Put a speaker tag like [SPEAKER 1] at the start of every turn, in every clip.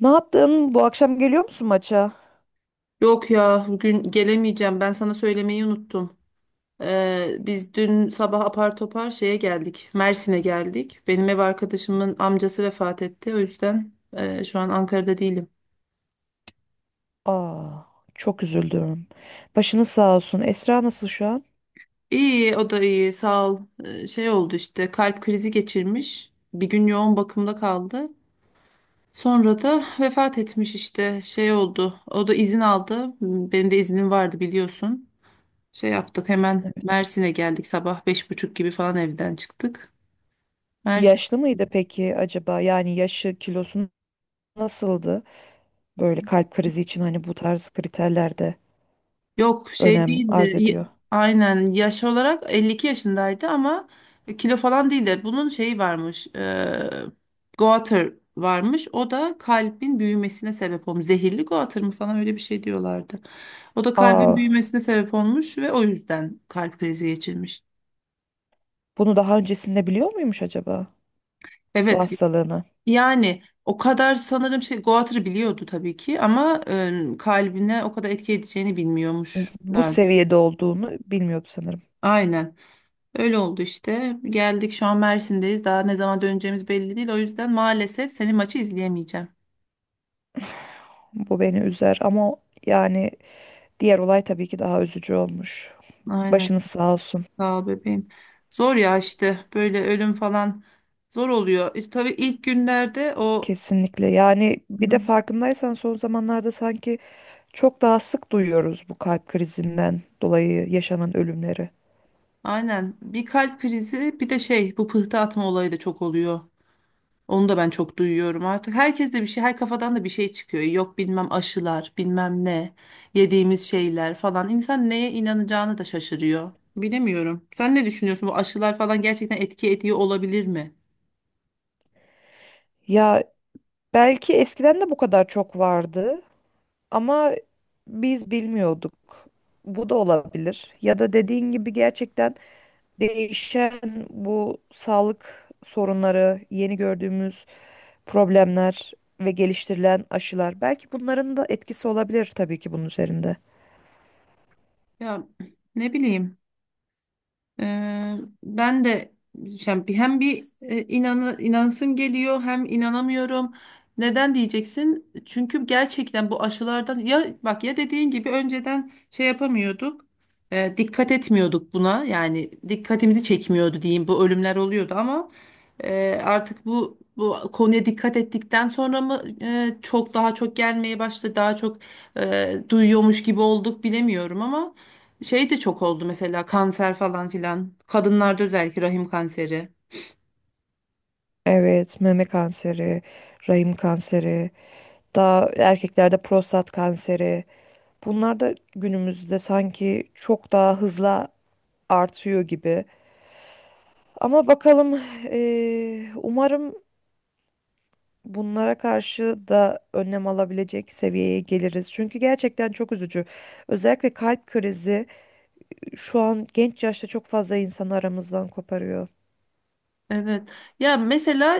[SPEAKER 1] Ne yaptın? Bu akşam geliyor musun maça?
[SPEAKER 2] Yok ya bugün gelemeyeceğim. Ben sana söylemeyi unuttum. Biz dün sabah apar topar şeye geldik. Mersin'e geldik. Benim ev arkadaşımın amcası vefat etti. O yüzden şu an Ankara'da değilim.
[SPEAKER 1] Aa, çok üzüldüm. Başını sağ olsun. Esra nasıl şu an?
[SPEAKER 2] İyi, o da iyi, sağ ol. Şey oldu işte, kalp krizi geçirmiş. Bir gün yoğun bakımda kaldı. Sonra da vefat etmiş işte, şey oldu. O da izin aldı. Benim de iznim vardı, biliyorsun. Şey yaptık, hemen
[SPEAKER 1] Evet.
[SPEAKER 2] Mersin'e geldik, sabah 5.30 gibi falan evden çıktık. Mersin
[SPEAKER 1] Yaşlı mıydı peki acaba? Yani yaşı, kilosu nasıldı? Böyle kalp krizi için hani bu tarz kriterlerde
[SPEAKER 2] Yok, şey
[SPEAKER 1] önem
[SPEAKER 2] değildi.
[SPEAKER 1] arz ediyor.
[SPEAKER 2] Aynen, yaş olarak 52 yaşındaydı ama kilo falan değildi. Bunun şeyi varmış. Goiter varmış. O da kalbin büyümesine sebep olmuş. Zehirli goiter mı falan, öyle bir şey diyorlardı. O da kalbin
[SPEAKER 1] Aa,
[SPEAKER 2] büyümesine sebep olmuş ve o yüzden kalp krizi geçirmiş.
[SPEAKER 1] bunu daha öncesinde biliyor muymuş acaba? Bu
[SPEAKER 2] Evet.
[SPEAKER 1] hastalığını.
[SPEAKER 2] Yani o kadar sanırım şey, goiter'ı biliyordu tabii ki ama kalbine o kadar etki edeceğini
[SPEAKER 1] Bu
[SPEAKER 2] bilmiyormuşlar.
[SPEAKER 1] seviyede olduğunu bilmiyordu sanırım.
[SPEAKER 2] Aynen. Öyle oldu işte. Geldik, şu an Mersin'deyiz. Daha ne zaman döneceğimiz belli değil. O yüzden maalesef senin maçı izleyemeyeceğim.
[SPEAKER 1] Bu beni üzer ama yani diğer olay tabii ki daha üzücü olmuş.
[SPEAKER 2] Aynen.
[SPEAKER 1] Başınız sağ olsun.
[SPEAKER 2] Sağ ol bebeğim. Zor ya işte. Böyle ölüm falan zor oluyor. İşte tabii ilk günlerde o
[SPEAKER 1] Kesinlikle. Yani bir de
[SPEAKER 2] Hı.
[SPEAKER 1] farkındaysan son zamanlarda sanki çok daha sık duyuyoruz bu kalp krizinden dolayı yaşanan ölümleri.
[SPEAKER 2] Aynen, bir kalp krizi, bir de şey, bu pıhtı atma olayı da çok oluyor. Onu da ben çok duyuyorum artık. Herkes de bir şey, her kafadan da bir şey çıkıyor. Yok bilmem aşılar, bilmem ne, yediğimiz şeyler falan. İnsan neye inanacağını da şaşırıyor. Bilemiyorum. Sen ne düşünüyorsun? Bu aşılar falan gerçekten etki ediyor olabilir mi?
[SPEAKER 1] Ya belki eskiden de bu kadar çok vardı ama biz bilmiyorduk. Bu da olabilir. Ya da dediğin gibi gerçekten değişen bu sağlık sorunları, yeni gördüğümüz problemler ve geliştirilen aşılar belki bunların da etkisi olabilir tabii ki bunun üzerinde.
[SPEAKER 2] Ya, ne bileyim. Ee, Ben de yani hem bir inansım geliyor, hem inanamıyorum. Neden diyeceksin? Çünkü gerçekten bu aşılardan, ya bak, ya dediğin gibi önceden şey yapamıyorduk. Dikkat etmiyorduk buna. Yani dikkatimizi çekmiyordu diyeyim. Bu ölümler oluyordu ama artık bu konuya dikkat ettikten sonra mı çok daha çok gelmeye başladı. Daha çok duyuyormuş gibi olduk, bilemiyorum ama şey de çok oldu, mesela kanser falan filan. Kadınlarda özellikle rahim kanseri.
[SPEAKER 1] Evet, meme kanseri, rahim kanseri, daha erkeklerde prostat kanseri. Bunlar da günümüzde sanki çok daha hızla artıyor gibi. Ama bakalım, umarım bunlara karşı da önlem alabilecek seviyeye geliriz. Çünkü gerçekten çok üzücü. Özellikle kalp krizi şu an genç yaşta çok fazla insanı aramızdan koparıyor.
[SPEAKER 2] Evet. Ya mesela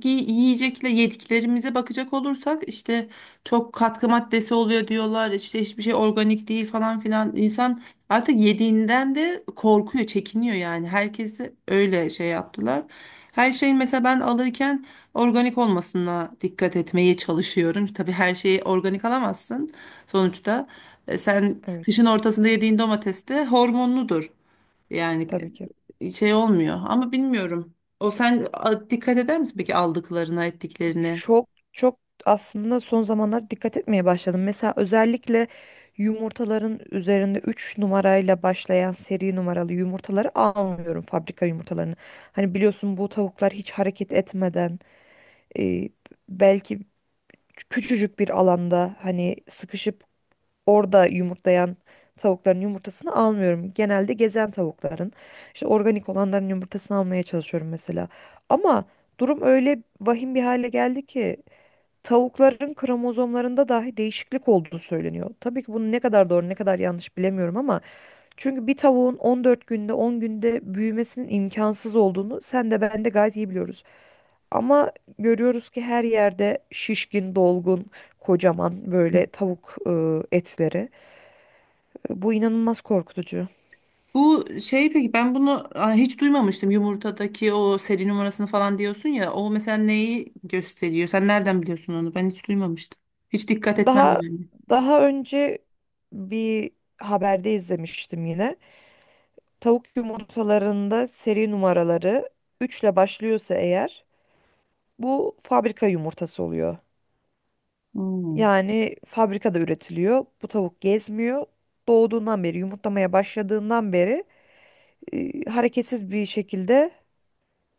[SPEAKER 2] yiyecekle, yediklerimize bakacak olursak işte çok katkı maddesi oluyor diyorlar. İşte hiçbir şey organik değil falan filan. İnsan artık yediğinden de korkuyor, çekiniyor yani. Herkesi öyle şey yaptılar. Her şeyin mesela, ben alırken organik olmasına dikkat etmeye çalışıyorum. Tabii her şeyi organik alamazsın sonuçta. Sen
[SPEAKER 1] Evet,
[SPEAKER 2] kışın ortasında yediğin domates de hormonludur. Yani
[SPEAKER 1] tabii ki.
[SPEAKER 2] şey olmuyor ama bilmiyorum. O sen dikkat eder misin peki aldıklarına, ettiklerine?
[SPEAKER 1] Çok çok aslında son zamanlarda dikkat etmeye başladım. Mesela özellikle yumurtaların üzerinde 3 numarayla başlayan seri numaralı yumurtaları almıyorum fabrika yumurtalarını. Hani biliyorsun bu tavuklar hiç hareket etmeden e, belki küçücük bir alanda hani sıkışıp orada yumurtlayan tavukların yumurtasını almıyorum. Genelde gezen tavukların işte organik olanların yumurtasını almaya çalışıyorum mesela. Ama durum öyle vahim bir hale geldi ki tavukların kromozomlarında dahi değişiklik olduğu söyleniyor. Tabii ki bunun ne kadar doğru ne kadar yanlış bilemiyorum ama çünkü bir tavuğun 14 günde 10 günde büyümesinin imkansız olduğunu sen de ben de gayet iyi biliyoruz. Ama görüyoruz ki her yerde şişkin, dolgun, kocaman böyle tavuk etleri. Bu inanılmaz korkutucu.
[SPEAKER 2] Bu şey peki, ben bunu hiç duymamıştım. Yumurtadaki o seri numarasını falan diyorsun ya. O mesela neyi gösteriyor? Sen nereden biliyorsun onu? Ben hiç duymamıştım. Hiç dikkat etmem
[SPEAKER 1] Daha
[SPEAKER 2] yani.
[SPEAKER 1] daha önce bir haberde izlemiştim yine. Tavuk yumurtalarında seri numaraları 3 ile başlıyorsa eğer bu fabrika yumurtası oluyor.
[SPEAKER 2] Hmm.
[SPEAKER 1] Yani fabrikada üretiliyor. Bu tavuk gezmiyor. Doğduğundan beri, yumurtlamaya başladığından beri hareketsiz bir şekilde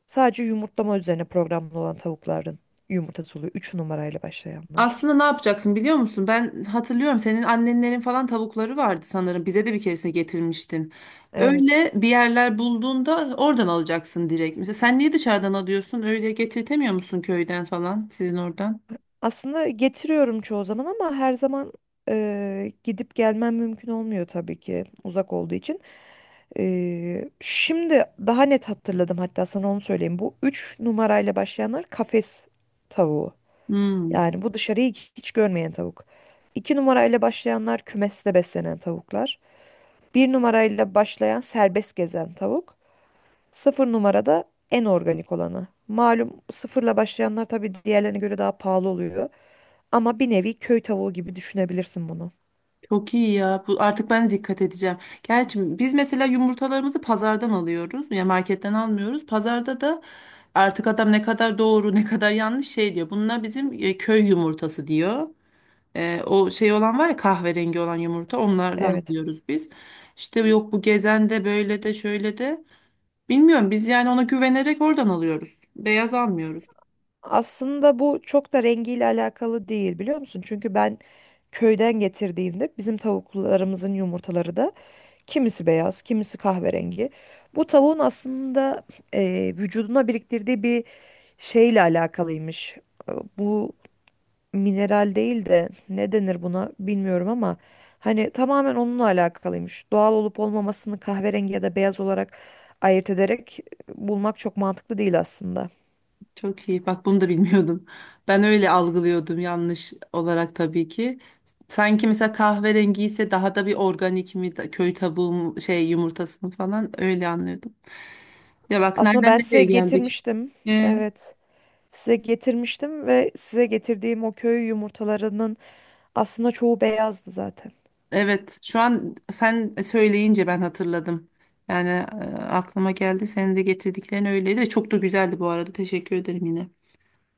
[SPEAKER 1] sadece yumurtlama üzerine programlı olan tavukların yumurtası oluyor. 3 numarayla başlayanlar.
[SPEAKER 2] Aslında ne yapacaksın biliyor musun? Ben hatırlıyorum, senin annenlerin falan tavukları vardı sanırım. Bize de bir keresine getirmiştin.
[SPEAKER 1] Evet.
[SPEAKER 2] Öyle bir yerler bulduğunda oradan alacaksın direkt. Mesela sen niye dışarıdan alıyorsun? Öyle getirtemiyor musun köyden falan, sizin oradan?
[SPEAKER 1] Aslında getiriyorum çoğu zaman ama her zaman gidip gelmem mümkün olmuyor tabii ki uzak olduğu için. Şimdi daha net hatırladım hatta sana onu söyleyeyim. Bu 3 numarayla başlayanlar kafes tavuğu.
[SPEAKER 2] Hmm,
[SPEAKER 1] Yani bu dışarıyı hiç görmeyen tavuk. 2 numarayla başlayanlar kümeste beslenen tavuklar. Bir numarayla başlayan serbest gezen tavuk. 0 numarada en organik olanı. Malum sıfırla başlayanlar tabii diğerlerine göre daha pahalı oluyor. Ama bir nevi köy tavuğu gibi düşünebilirsin bunu.
[SPEAKER 2] Çok iyi ya. Bu, artık ben de dikkat edeceğim. Gerçi biz mesela yumurtalarımızı pazardan alıyoruz. Ya marketten almıyoruz. Pazarda da artık adam ne kadar doğru ne kadar yanlış şey diyor. Bunlar bizim köy yumurtası diyor. O şey olan var ya, kahverengi olan yumurta, onlardan
[SPEAKER 1] Evet.
[SPEAKER 2] alıyoruz biz. İşte yok bu gezen de, böyle de şöyle de. Bilmiyorum, biz yani ona güvenerek oradan alıyoruz. Beyaz almıyoruz.
[SPEAKER 1] Aslında bu çok da rengiyle alakalı değil biliyor musun? Çünkü ben köyden getirdiğimde bizim tavuklarımızın yumurtaları da kimisi beyaz, kimisi kahverengi. Bu tavuğun aslında vücuduna biriktirdiği bir şeyle alakalıymış. E, Bu mineral değil de ne denir buna bilmiyorum ama hani tamamen onunla alakalıymış. Doğal olup olmamasını kahverengi ya da beyaz olarak ayırt ederek bulmak çok mantıklı değil aslında.
[SPEAKER 2] Çok iyi. Bak, bunu da bilmiyordum. Ben öyle algılıyordum, yanlış olarak tabii ki. Sanki mesela kahverengi ise daha da bir organik mi köy tavuğu şey yumurtasını falan, öyle anlıyordum. Ya bak
[SPEAKER 1] Aslında
[SPEAKER 2] nereden
[SPEAKER 1] ben size
[SPEAKER 2] nereye geldik.
[SPEAKER 1] getirmiştim. Evet. Size getirmiştim ve size getirdiğim o köy yumurtalarının aslında çoğu beyazdı zaten.
[SPEAKER 2] Evet, şu an sen söyleyince ben hatırladım. Yani aklıma geldi. Senin de getirdiklerin öyleydi ve çok da güzeldi bu arada. Teşekkür ederim yine.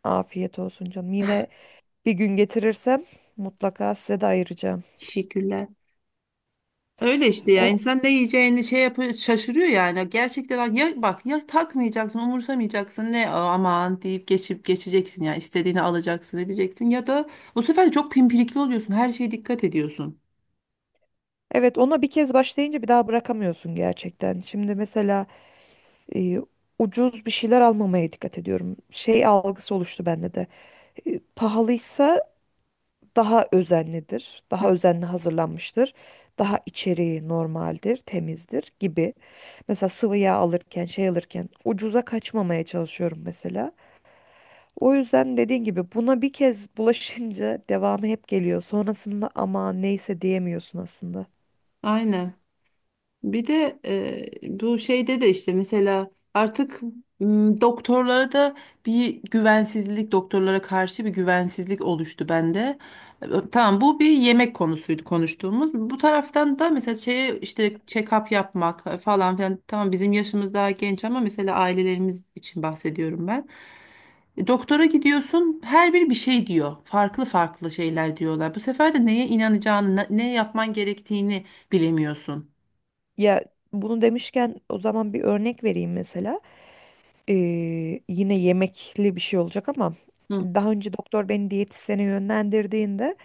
[SPEAKER 1] Afiyet olsun canım. Yine bir gün getirirsem mutlaka size de ayıracağım.
[SPEAKER 2] Teşekkürler. Öyle işte ya,
[SPEAKER 1] O,
[SPEAKER 2] insan ne yiyeceğini şey yapıyor, şaşırıyor yani. Gerçekten ya, bak ya, takmayacaksın, umursamayacaksın, ne aman deyip geçip geçeceksin, ya istediğini alacaksın edeceksin, ya da bu sefer çok pimpirikli oluyorsun. Her şeye dikkat ediyorsun.
[SPEAKER 1] evet, ona bir kez başlayınca bir daha bırakamıyorsun gerçekten. Şimdi mesela e, ucuz bir şeyler almamaya dikkat ediyorum. Şey algısı oluştu bende de. Pahalıysa daha özenlidir,
[SPEAKER 2] Hı.
[SPEAKER 1] daha özenli hazırlanmıştır, daha içeriği normaldir, temizdir gibi. Mesela sıvı yağ alırken, şey alırken ucuza kaçmamaya çalışıyorum mesela. O yüzden dediğin gibi buna bir kez bulaşınca devamı hep geliyor. Sonrasında ama neyse diyemiyorsun aslında.
[SPEAKER 2] Aynen. Bir de bu şeyde de işte mesela artık doktorlara da bir güvensizlik, doktorlara karşı bir güvensizlik oluştu bende. E, Tamam, bu bir yemek konusuydu konuştuğumuz. Bu taraftan da mesela şeye işte, check-up yapmak falan filan. Tamam, bizim yaşımız daha genç ama mesela ailelerimiz için bahsediyorum ben. Doktora gidiyorsun, her biri bir şey diyor. Farklı farklı şeyler diyorlar. Bu sefer de neye inanacağını, ne yapman gerektiğini bilemiyorsun.
[SPEAKER 1] Ya bunu demişken o zaman bir örnek vereyim mesela. Ee, Yine yemekli bir şey olacak ama daha önce doktor beni diyetisyene yönlendirdiğinde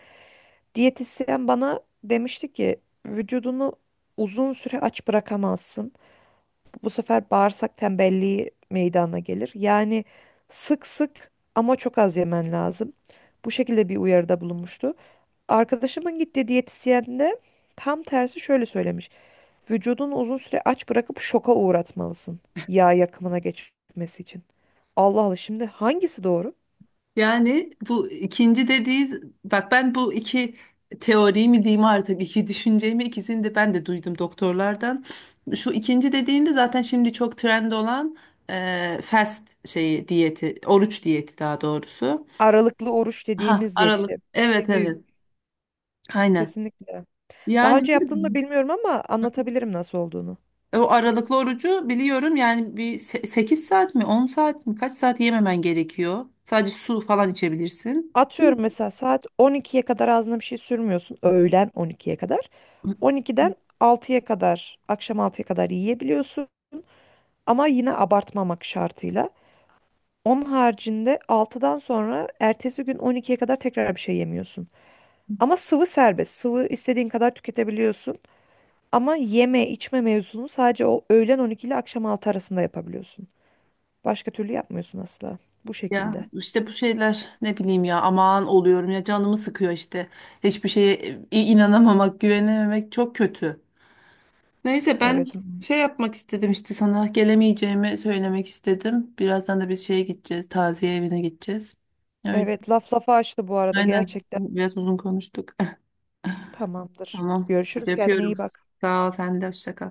[SPEAKER 1] diyetisyen bana demişti ki vücudunu uzun süre aç bırakamazsın. Bu sefer bağırsak tembelliği meydana gelir. Yani sık sık ama çok az yemen lazım. Bu şekilde bir uyarıda bulunmuştu. Arkadaşımın gittiği diyetisyen de tam tersi şöyle söylemiş. Vücudunu uzun süre aç bırakıp şoka uğratmalısın. Yağ yakımına geçmesi için. Allah Allah, şimdi hangisi doğru?
[SPEAKER 2] Yani bu ikinci dediği, bak ben bu iki teori mi diyeyim artık, iki düşünceyi mi, ikisini de ben de duydum doktorlardan. Şu ikinci dediğinde zaten şimdi çok trend olan fast şeyi diyeti, oruç diyeti daha doğrusu.
[SPEAKER 1] Aralıklı oruç
[SPEAKER 2] Ha,
[SPEAKER 1] dediğimiz diyet
[SPEAKER 2] aralık,
[SPEAKER 1] işte,
[SPEAKER 2] evet
[SPEAKER 1] belli bir...
[SPEAKER 2] evet, aynen.
[SPEAKER 1] Kesinlikle. Daha
[SPEAKER 2] Yani
[SPEAKER 1] önce yaptığını da bilmiyorum ama anlatabilirim nasıl olduğunu.
[SPEAKER 2] o aralıklı orucu biliyorum, yani bir 8 saat mi 10 saat mi, kaç saat yememen gerekiyor. Sadece su falan içebilirsin. Değil mi?
[SPEAKER 1] Atıyorum mesela saat 12'ye kadar ağzına bir şey sürmüyorsun. Öğlen 12'ye kadar. 12'den 6'ya kadar, akşam 6'ya kadar yiyebiliyorsun. Ama yine abartmamak şartıyla. Onun haricinde 6'dan sonra ertesi gün 12'ye kadar tekrar bir şey yemiyorsun. Ama sıvı serbest. Sıvı istediğin kadar tüketebiliyorsun. Ama yeme içme mevzunu sadece o öğlen 12 ile akşam 6 arasında yapabiliyorsun. Başka türlü yapmıyorsun asla. Bu
[SPEAKER 2] Ya
[SPEAKER 1] şekilde.
[SPEAKER 2] işte bu şeyler, ne bileyim, ya aman oluyorum ya, canımı sıkıyor işte. Hiçbir şeye inanamamak, güvenememek çok kötü. Neyse, ben
[SPEAKER 1] Evet.
[SPEAKER 2] şey yapmak istedim işte, sana gelemeyeceğimi söylemek istedim. Birazdan da biz şeye gideceğiz, taziye evine gideceğiz. Öyle,
[SPEAKER 1] Evet, laf lafa açtı bu arada
[SPEAKER 2] aynen,
[SPEAKER 1] gerçekten.
[SPEAKER 2] biraz uzun konuştuk.
[SPEAKER 1] Tamamdır.
[SPEAKER 2] Tamam hadi,
[SPEAKER 1] Görüşürüz, kendine
[SPEAKER 2] öpüyorum.
[SPEAKER 1] iyi bak.
[SPEAKER 2] Sağ ol, sen de hoşça kal.